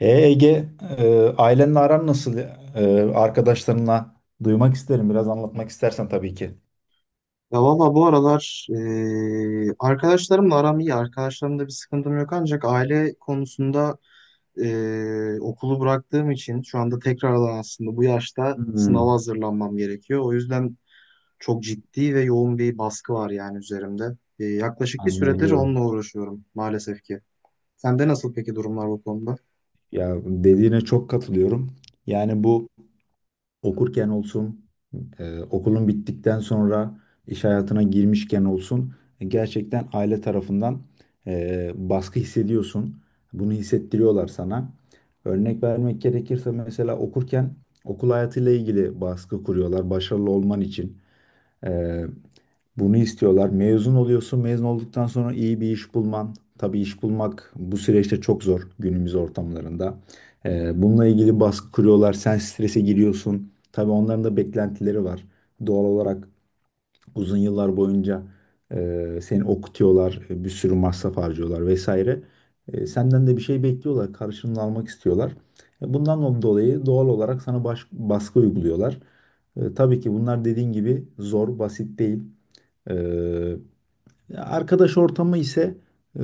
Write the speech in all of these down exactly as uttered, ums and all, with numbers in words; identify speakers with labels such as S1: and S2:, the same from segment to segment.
S1: E Ege, e, ailenle aran nasıl? E, arkadaşlarınla duymak isterim. Biraz anlatmak istersen tabii ki.
S2: Ya valla bu aralar eee, arkadaşlarımla aram iyi. Arkadaşlarımda bir sıkıntım yok, ancak aile konusunda eee, okulu bıraktığım için şu anda tekrardan aslında bu yaşta sınava
S1: Hmm,
S2: hazırlanmam gerekiyor. O yüzden çok ciddi ve yoğun bir baskı var yani üzerimde. Eee, yaklaşık bir süredir
S1: Anlayabiliyorum.
S2: onunla uğraşıyorum maalesef ki. Sende nasıl peki durumlar bu konuda?
S1: Ya dediğine çok katılıyorum. Yani bu okurken olsun, e, okulun bittikten sonra iş hayatına girmişken olsun e, gerçekten aile tarafından e, baskı hissediyorsun. Bunu hissettiriyorlar sana. Örnek vermek gerekirse mesela okurken okul hayatıyla ilgili baskı kuruyorlar başarılı olman için. Ee, Bunu istiyorlar. Mezun oluyorsun. Mezun olduktan sonra iyi bir iş bulman. Tabii iş bulmak bu süreçte çok zor günümüz ortamlarında. Ee, bununla ilgili baskı kuruyorlar. Sen strese giriyorsun. Tabii onların da beklentileri var. Doğal olarak Uzun yıllar boyunca e, seni okutuyorlar, e, bir sürü masraf harcıyorlar vesaire. E, senden de bir şey bekliyorlar, karşılığını almak istiyorlar. E, bundan dolayı doğal olarak sana baş- baskı uyguluyorlar. E, tabii ki bunlar dediğin gibi zor, basit değil. E, Arkadaş ortamı ise e,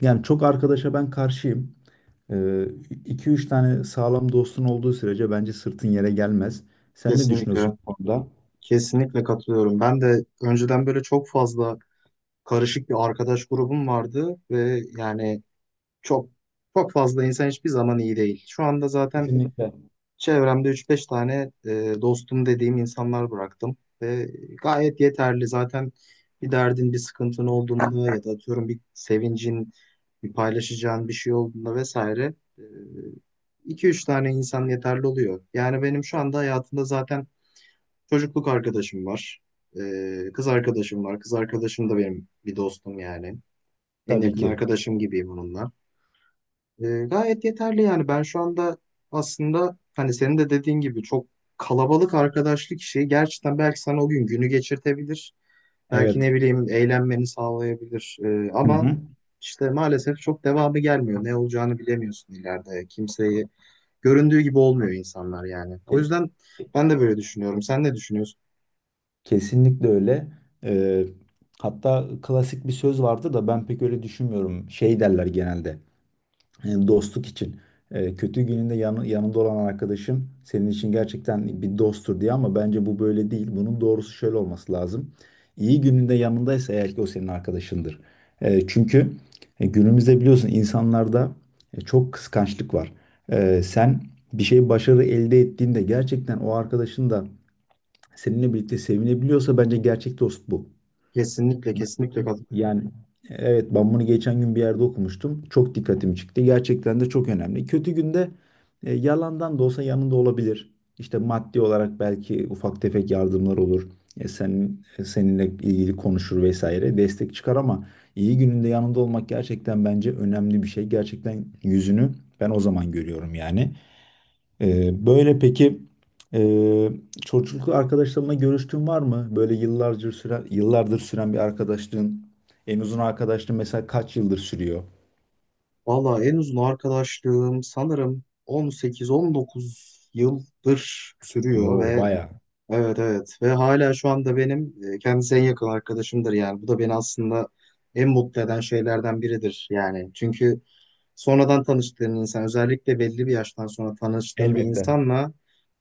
S1: yani çok arkadaşa ben karşıyım. iki üç tane sağlam dostun olduğu sürece bence sırtın yere gelmez. Sen ne
S2: Kesinlikle.
S1: düşünüyorsun bu konuda?
S2: Kesinlikle katılıyorum. Ben de önceden böyle çok fazla karışık bir arkadaş grubum vardı ve yani çok çok fazla insan hiçbir zaman iyi değil. Şu anda zaten
S1: Kesinlikle.
S2: çevremde üç beş tane e, dostum dediğim insanlar bıraktım ve gayet yeterli. Zaten bir derdin, bir sıkıntın olduğunda ya da atıyorum bir sevincin, bir paylaşacağın bir şey olduğunda vesaire e, iki üç tane insan yeterli oluyor. Yani benim şu anda hayatımda zaten çocukluk arkadaşım var. E, kız arkadaşım var. Kız arkadaşım da benim bir dostum yani. En
S1: Tabii
S2: yakın
S1: ki.
S2: arkadaşım gibiyim onunla. E, gayet yeterli yani ben şu anda aslında hani senin de dediğin gibi çok kalabalık arkadaşlık işi gerçekten belki sana o gün günü geçirtebilir. Belki
S1: Evet.
S2: ne bileyim eğlenmeni sağlayabilir. E,
S1: Hı
S2: ama
S1: hı.
S2: işte maalesef çok devamı gelmiyor. Ne olacağını bilemiyorsun ileride. Kimseyi göründüğü gibi olmuyor insanlar yani. O
S1: Ke-
S2: yüzden ben de böyle düşünüyorum. Sen ne düşünüyorsun?
S1: Kesinlikle öyle. Ee, Hatta klasik bir söz vardı da ben pek öyle düşünmüyorum. Şey derler genelde e, dostluk için. Ee, kötü gününde yanı, yanında olan arkadaşın senin için gerçekten bir dosttur diye ama bence bu böyle değil. Bunun doğrusu şöyle olması lazım. İyi gününde yanındaysa eğer ki o senin arkadaşındır. Ee, çünkü e, günümüzde biliyorsun insanlarda e, çok kıskançlık var. Ee, sen bir şey başarı elde ettiğinde gerçekten o arkadaşın da seninle birlikte sevinebiliyorsa bence gerçek dost bu.
S2: Kesinlikle, kesinlikle katılıyorum.
S1: Yani evet ben bunu geçen gün bir yerde okumuştum. Çok dikkatimi çıktı. Gerçekten de çok önemli. Kötü günde e, yalandan da olsa yanında olabilir. İşte maddi olarak belki ufak tefek yardımlar olur. E, sen e, seninle ilgili konuşur vesaire destek çıkar ama iyi gününde yanında olmak gerçekten bence önemli bir şey. Gerçekten yüzünü ben o zaman görüyorum yani. Ee, böyle peki e, çocukluk arkadaşlarınla görüştüğün var mı? Böyle yıllardır süren, yıllardır süren bir arkadaşlığın, en uzun arkadaşlığın mesela kaç yıldır sürüyor?
S2: Valla en uzun arkadaşlığım sanırım on sekiz on dokuz yıldır sürüyor
S1: Bu
S2: ve
S1: bayağı.
S2: evet, evet, ve hala şu anda benim e, kendisi en yakın arkadaşımdır yani. Bu da beni aslında en mutlu eden şeylerden biridir yani. Çünkü sonradan tanıştığın insan, özellikle belli bir yaştan sonra tanıştığın bir
S1: Elbette.
S2: insanla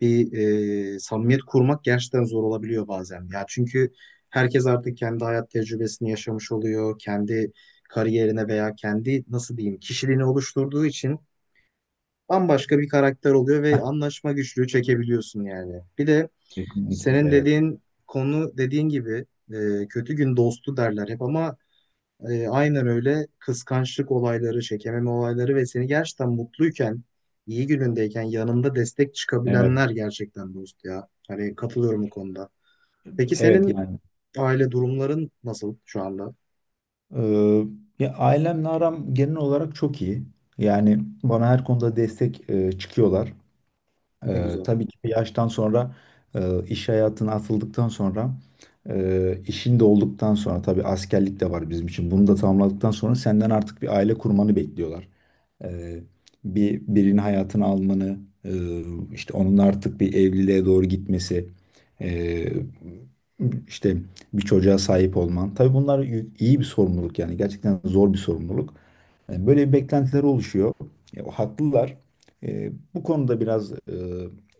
S2: bir e, samimiyet kurmak gerçekten zor olabiliyor bazen. Ya çünkü herkes artık kendi hayat tecrübesini yaşamış oluyor. Kendi kariyerine veya kendi nasıl diyeyim kişiliğini oluşturduğu için bambaşka bir karakter oluyor ve anlaşma güçlüğü çekebiliyorsun yani. Bir de
S1: Kesinlikle
S2: senin
S1: evet.
S2: dediğin konu dediğin gibi e, kötü gün dostu derler hep ama e, aynen öyle, kıskançlık olayları, çekememe olayları ve seni gerçekten mutluyken, iyi günündeyken yanında destek
S1: Evet.
S2: çıkabilenler gerçekten dost ya. Hani katılıyorum bu konuda. Peki
S1: Evet
S2: senin
S1: yani.
S2: aile durumların nasıl şu anda?
S1: Ee, Ya ailemle aram genel olarak çok iyi. Yani bana her konuda destek e, çıkıyorlar.
S2: Ne
S1: Ee,
S2: güzel.
S1: tabii ki bir yaştan sonra e, iş hayatına atıldıktan sonra e, işin de olduktan sonra tabii askerlik de var bizim için. Bunu da tamamladıktan sonra senden artık bir aile kurmanı bekliyorlar. Ee, Bir birinin hayatını almanı, e, işte onun artık bir evliliğe doğru gitmesi, e, işte bir çocuğa sahip olman. Tabii bunlar y- iyi bir sorumluluk yani gerçekten zor bir sorumluluk. E, böyle bir beklentiler oluşuyor. E, o haklılar. E, bu konuda biraz e,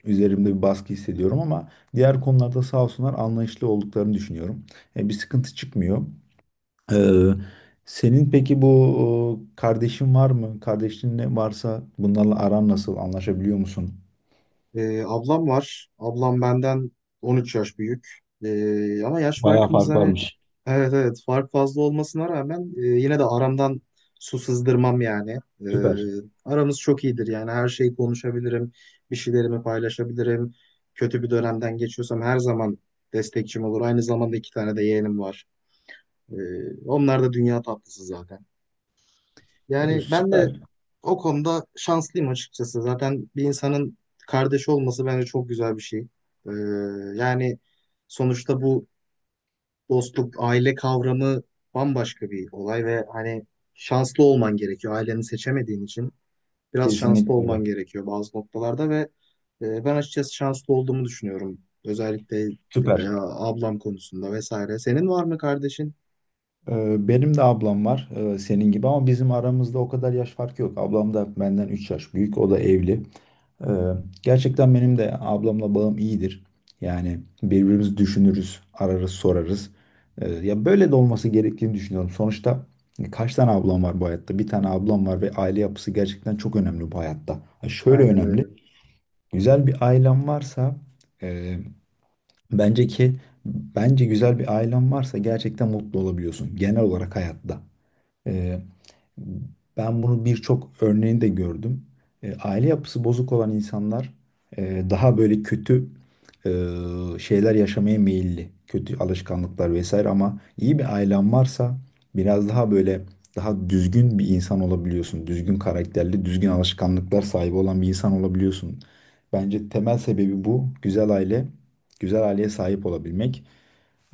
S1: üzerimde bir baskı hissediyorum ama diğer konularda sağ olsunlar anlayışlı olduklarını düşünüyorum. E, bir sıkıntı çıkmıyor. Ee, Senin peki bu e, kardeşin var mı? Kardeşin ne varsa bunlarla aran nasıl? Anlaşabiliyor musun?
S2: Ee, ablam var. Ablam benden on üç yaş büyük. Ee, ama yaş
S1: Bayağı
S2: farkımız
S1: fark
S2: hani,
S1: varmış.
S2: evet, evet, fark fazla olmasına rağmen e, yine de aramdan su sızdırmam yani. Ee,
S1: Süper.
S2: aramız çok iyidir yani, her şeyi konuşabilirim. Bir şeylerimi paylaşabilirim. Kötü bir dönemden geçiyorsam her zaman destekçim olur. Aynı zamanda iki tane de yeğenim var. Ee, onlar da dünya tatlısı zaten.
S1: Ee,
S2: Yani ben de
S1: süper.
S2: o konuda şanslıyım açıkçası. Zaten bir insanın kardeşi olması bence çok güzel bir şey. Ee, Yani sonuçta bu dostluk, aile kavramı bambaşka bir olay ve hani şanslı olman gerekiyor. Aileni seçemediğin için biraz şanslı
S1: Kesinlikle öyle.
S2: olman gerekiyor bazı noktalarda ve e, ben açıkçası şanslı olduğumu düşünüyorum. Özellikle e,
S1: Süper.
S2: ablam konusunda vesaire. Senin var mı kardeşin?
S1: Ee, Benim de ablam var e, senin gibi ama bizim aramızda o kadar yaş farkı yok. Ablam da benden üç yaş büyük. O da evli. Ee, Gerçekten benim de ablamla bağım iyidir. Yani birbirimizi düşünürüz, ararız, sorarız. Ee, Ya böyle de olması gerektiğini düşünüyorum. Sonuçta kaç tane ablam var bu hayatta? Bir tane ablam var ve aile yapısı gerçekten çok önemli bu hayatta. Ha, Şöyle
S2: Aynen öyle.
S1: önemli. Güzel bir ailem varsa e, bence ki bence güzel bir ailem varsa gerçekten mutlu olabiliyorsun genel olarak hayatta. Ee, Ben bunu birçok örneğini de gördüm. Ee, aile yapısı bozuk olan insanlar e, daha böyle kötü e, şeyler yaşamaya meyilli. Kötü alışkanlıklar vesaire ama iyi bir ailen varsa biraz daha böyle daha düzgün bir insan olabiliyorsun. Düzgün karakterli, düzgün alışkanlıklar sahibi olan bir insan olabiliyorsun. Bence temel sebebi bu. Güzel aile, güzel aileye sahip olabilmek.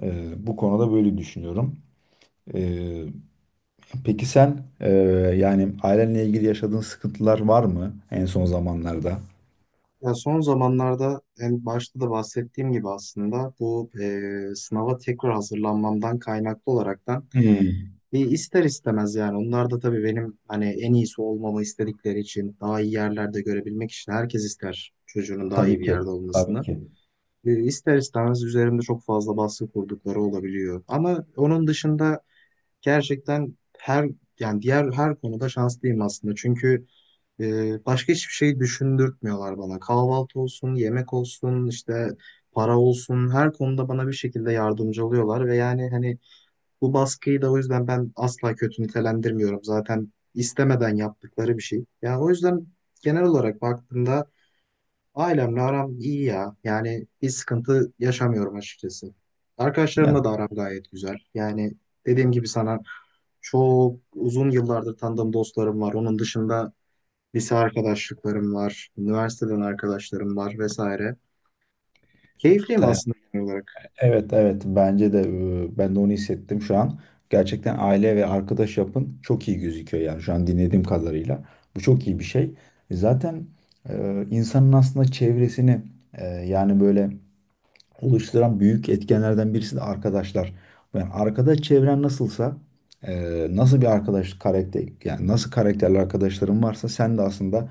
S1: Ee, bu konuda böyle düşünüyorum. Peki sen e, yani ailenle ilgili yaşadığın sıkıntılar var mı en son zamanlarda?
S2: Ya son zamanlarda, en başta da bahsettiğim gibi, aslında bu e, sınava tekrar hazırlanmamdan kaynaklı olaraktan
S1: Hmm.
S2: bir ister istemez yani, onlar da tabii benim hani en iyisi olmamı istedikleri için, daha iyi yerlerde görebilmek için, herkes ister çocuğunun daha iyi
S1: Tabii
S2: bir
S1: ki.
S2: yerde
S1: Tabii
S2: olmasını.
S1: ki.
S2: E, ister istemez üzerimde çok fazla baskı kurdukları olabiliyor. Ama onun dışında gerçekten her, yani diğer her konuda şanslıyım aslında. Çünkü e, başka hiçbir şey düşündürtmüyorlar bana. Kahvaltı olsun, yemek olsun, işte para olsun, her konuda bana bir şekilde yardımcı oluyorlar ve yani hani bu baskıyı da o yüzden ben asla kötü nitelendirmiyorum. Zaten istemeden yaptıkları bir şey. Yani o yüzden genel olarak baktığımda ailemle aram iyi ya. Yani bir sıkıntı yaşamıyorum açıkçası.
S1: Ya
S2: Arkadaşlarımla da aram gayet güzel. Yani dediğim gibi sana, çok uzun yıllardır tanıdığım dostlarım var. Onun dışında lise arkadaşlıklarım var, üniversiteden arkadaşlarım var vesaire. Keyifliyim
S1: ta-
S2: aslında genel olarak.
S1: evet evet bence de e, ben de onu hissettim şu an. Gerçekten aile ve arkadaş yapın çok iyi gözüküyor yani şu an dinlediğim kadarıyla. Bu çok iyi bir şey. Zaten e, insanın aslında çevresini e, yani böyle oluşturan büyük etkenlerden birisi de arkadaşlar. Yani arkadaş çevren nasılsa, e, nasıl bir arkadaş karakter, yani nasıl karakterli arkadaşların varsa sen de aslında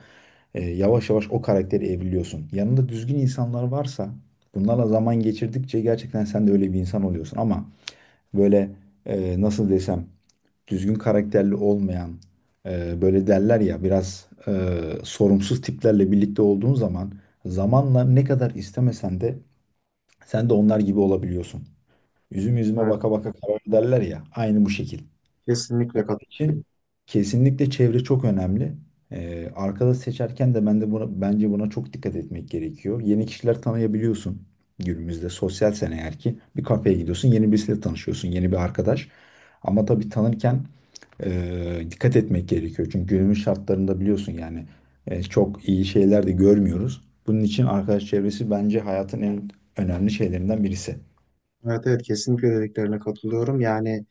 S1: e, yavaş yavaş o karakteri evriliyorsun. Yanında düzgün insanlar varsa, bunlarla zaman geçirdikçe gerçekten sen de öyle bir insan oluyorsun. Ama böyle e, nasıl desem, düzgün karakterli olmayan, e, böyle derler ya biraz e, sorumsuz tiplerle birlikte olduğun zaman zamanla ne kadar istemesen de sen de onlar gibi olabiliyorsun. Üzüm yüzüme
S2: Evet,
S1: baka baka karar derler ya. Aynı bu şekil.
S2: kesinlikle
S1: Onun
S2: katılıyorum.
S1: için kesinlikle çevre çok önemli. Ee, arkadaş seçerken de ben de buna, bence buna çok dikkat etmek gerekiyor. Yeni kişiler tanıyabiliyorsun günümüzde. Sosyalsen eğer ki bir kafeye gidiyorsun, yeni birisiyle tanışıyorsun, yeni bir arkadaş. Ama tabii tanırken e, dikkat etmek gerekiyor. Çünkü günümüz şartlarında biliyorsun yani e, çok iyi şeyler de görmüyoruz. Bunun için arkadaş çevresi bence hayatın en önemli şeylerinden birisi.
S2: Evet, evet, kesinlikle dediklerine katılıyorum. Yani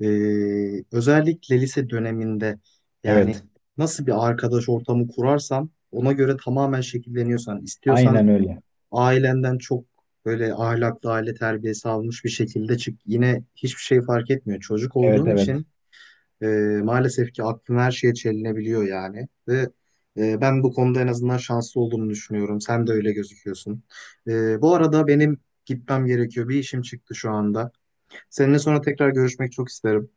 S2: Ee, özellikle lise döneminde, yani
S1: Evet.
S2: nasıl bir arkadaş ortamı kurarsan ona göre tamamen şekilleniyorsan,
S1: Aynen
S2: istiyorsan
S1: öyle.
S2: ailenden çok böyle ahlaklı aile terbiyesi almış bir şekilde çık, yine hiçbir şey fark etmiyor. Çocuk
S1: Evet
S2: olduğun
S1: evet.
S2: için e, maalesef ki aklın her şeye çelinebiliyor yani ve e, ben bu konuda en azından şanslı olduğumu düşünüyorum. Sen de öyle gözüküyorsun. E, bu arada benim gitmem gerekiyor. Bir işim çıktı şu anda. Seninle sonra tekrar görüşmek çok isterim.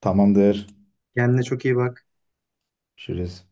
S1: Tamamdır.
S2: Kendine çok iyi bak.
S1: Görüşürüz.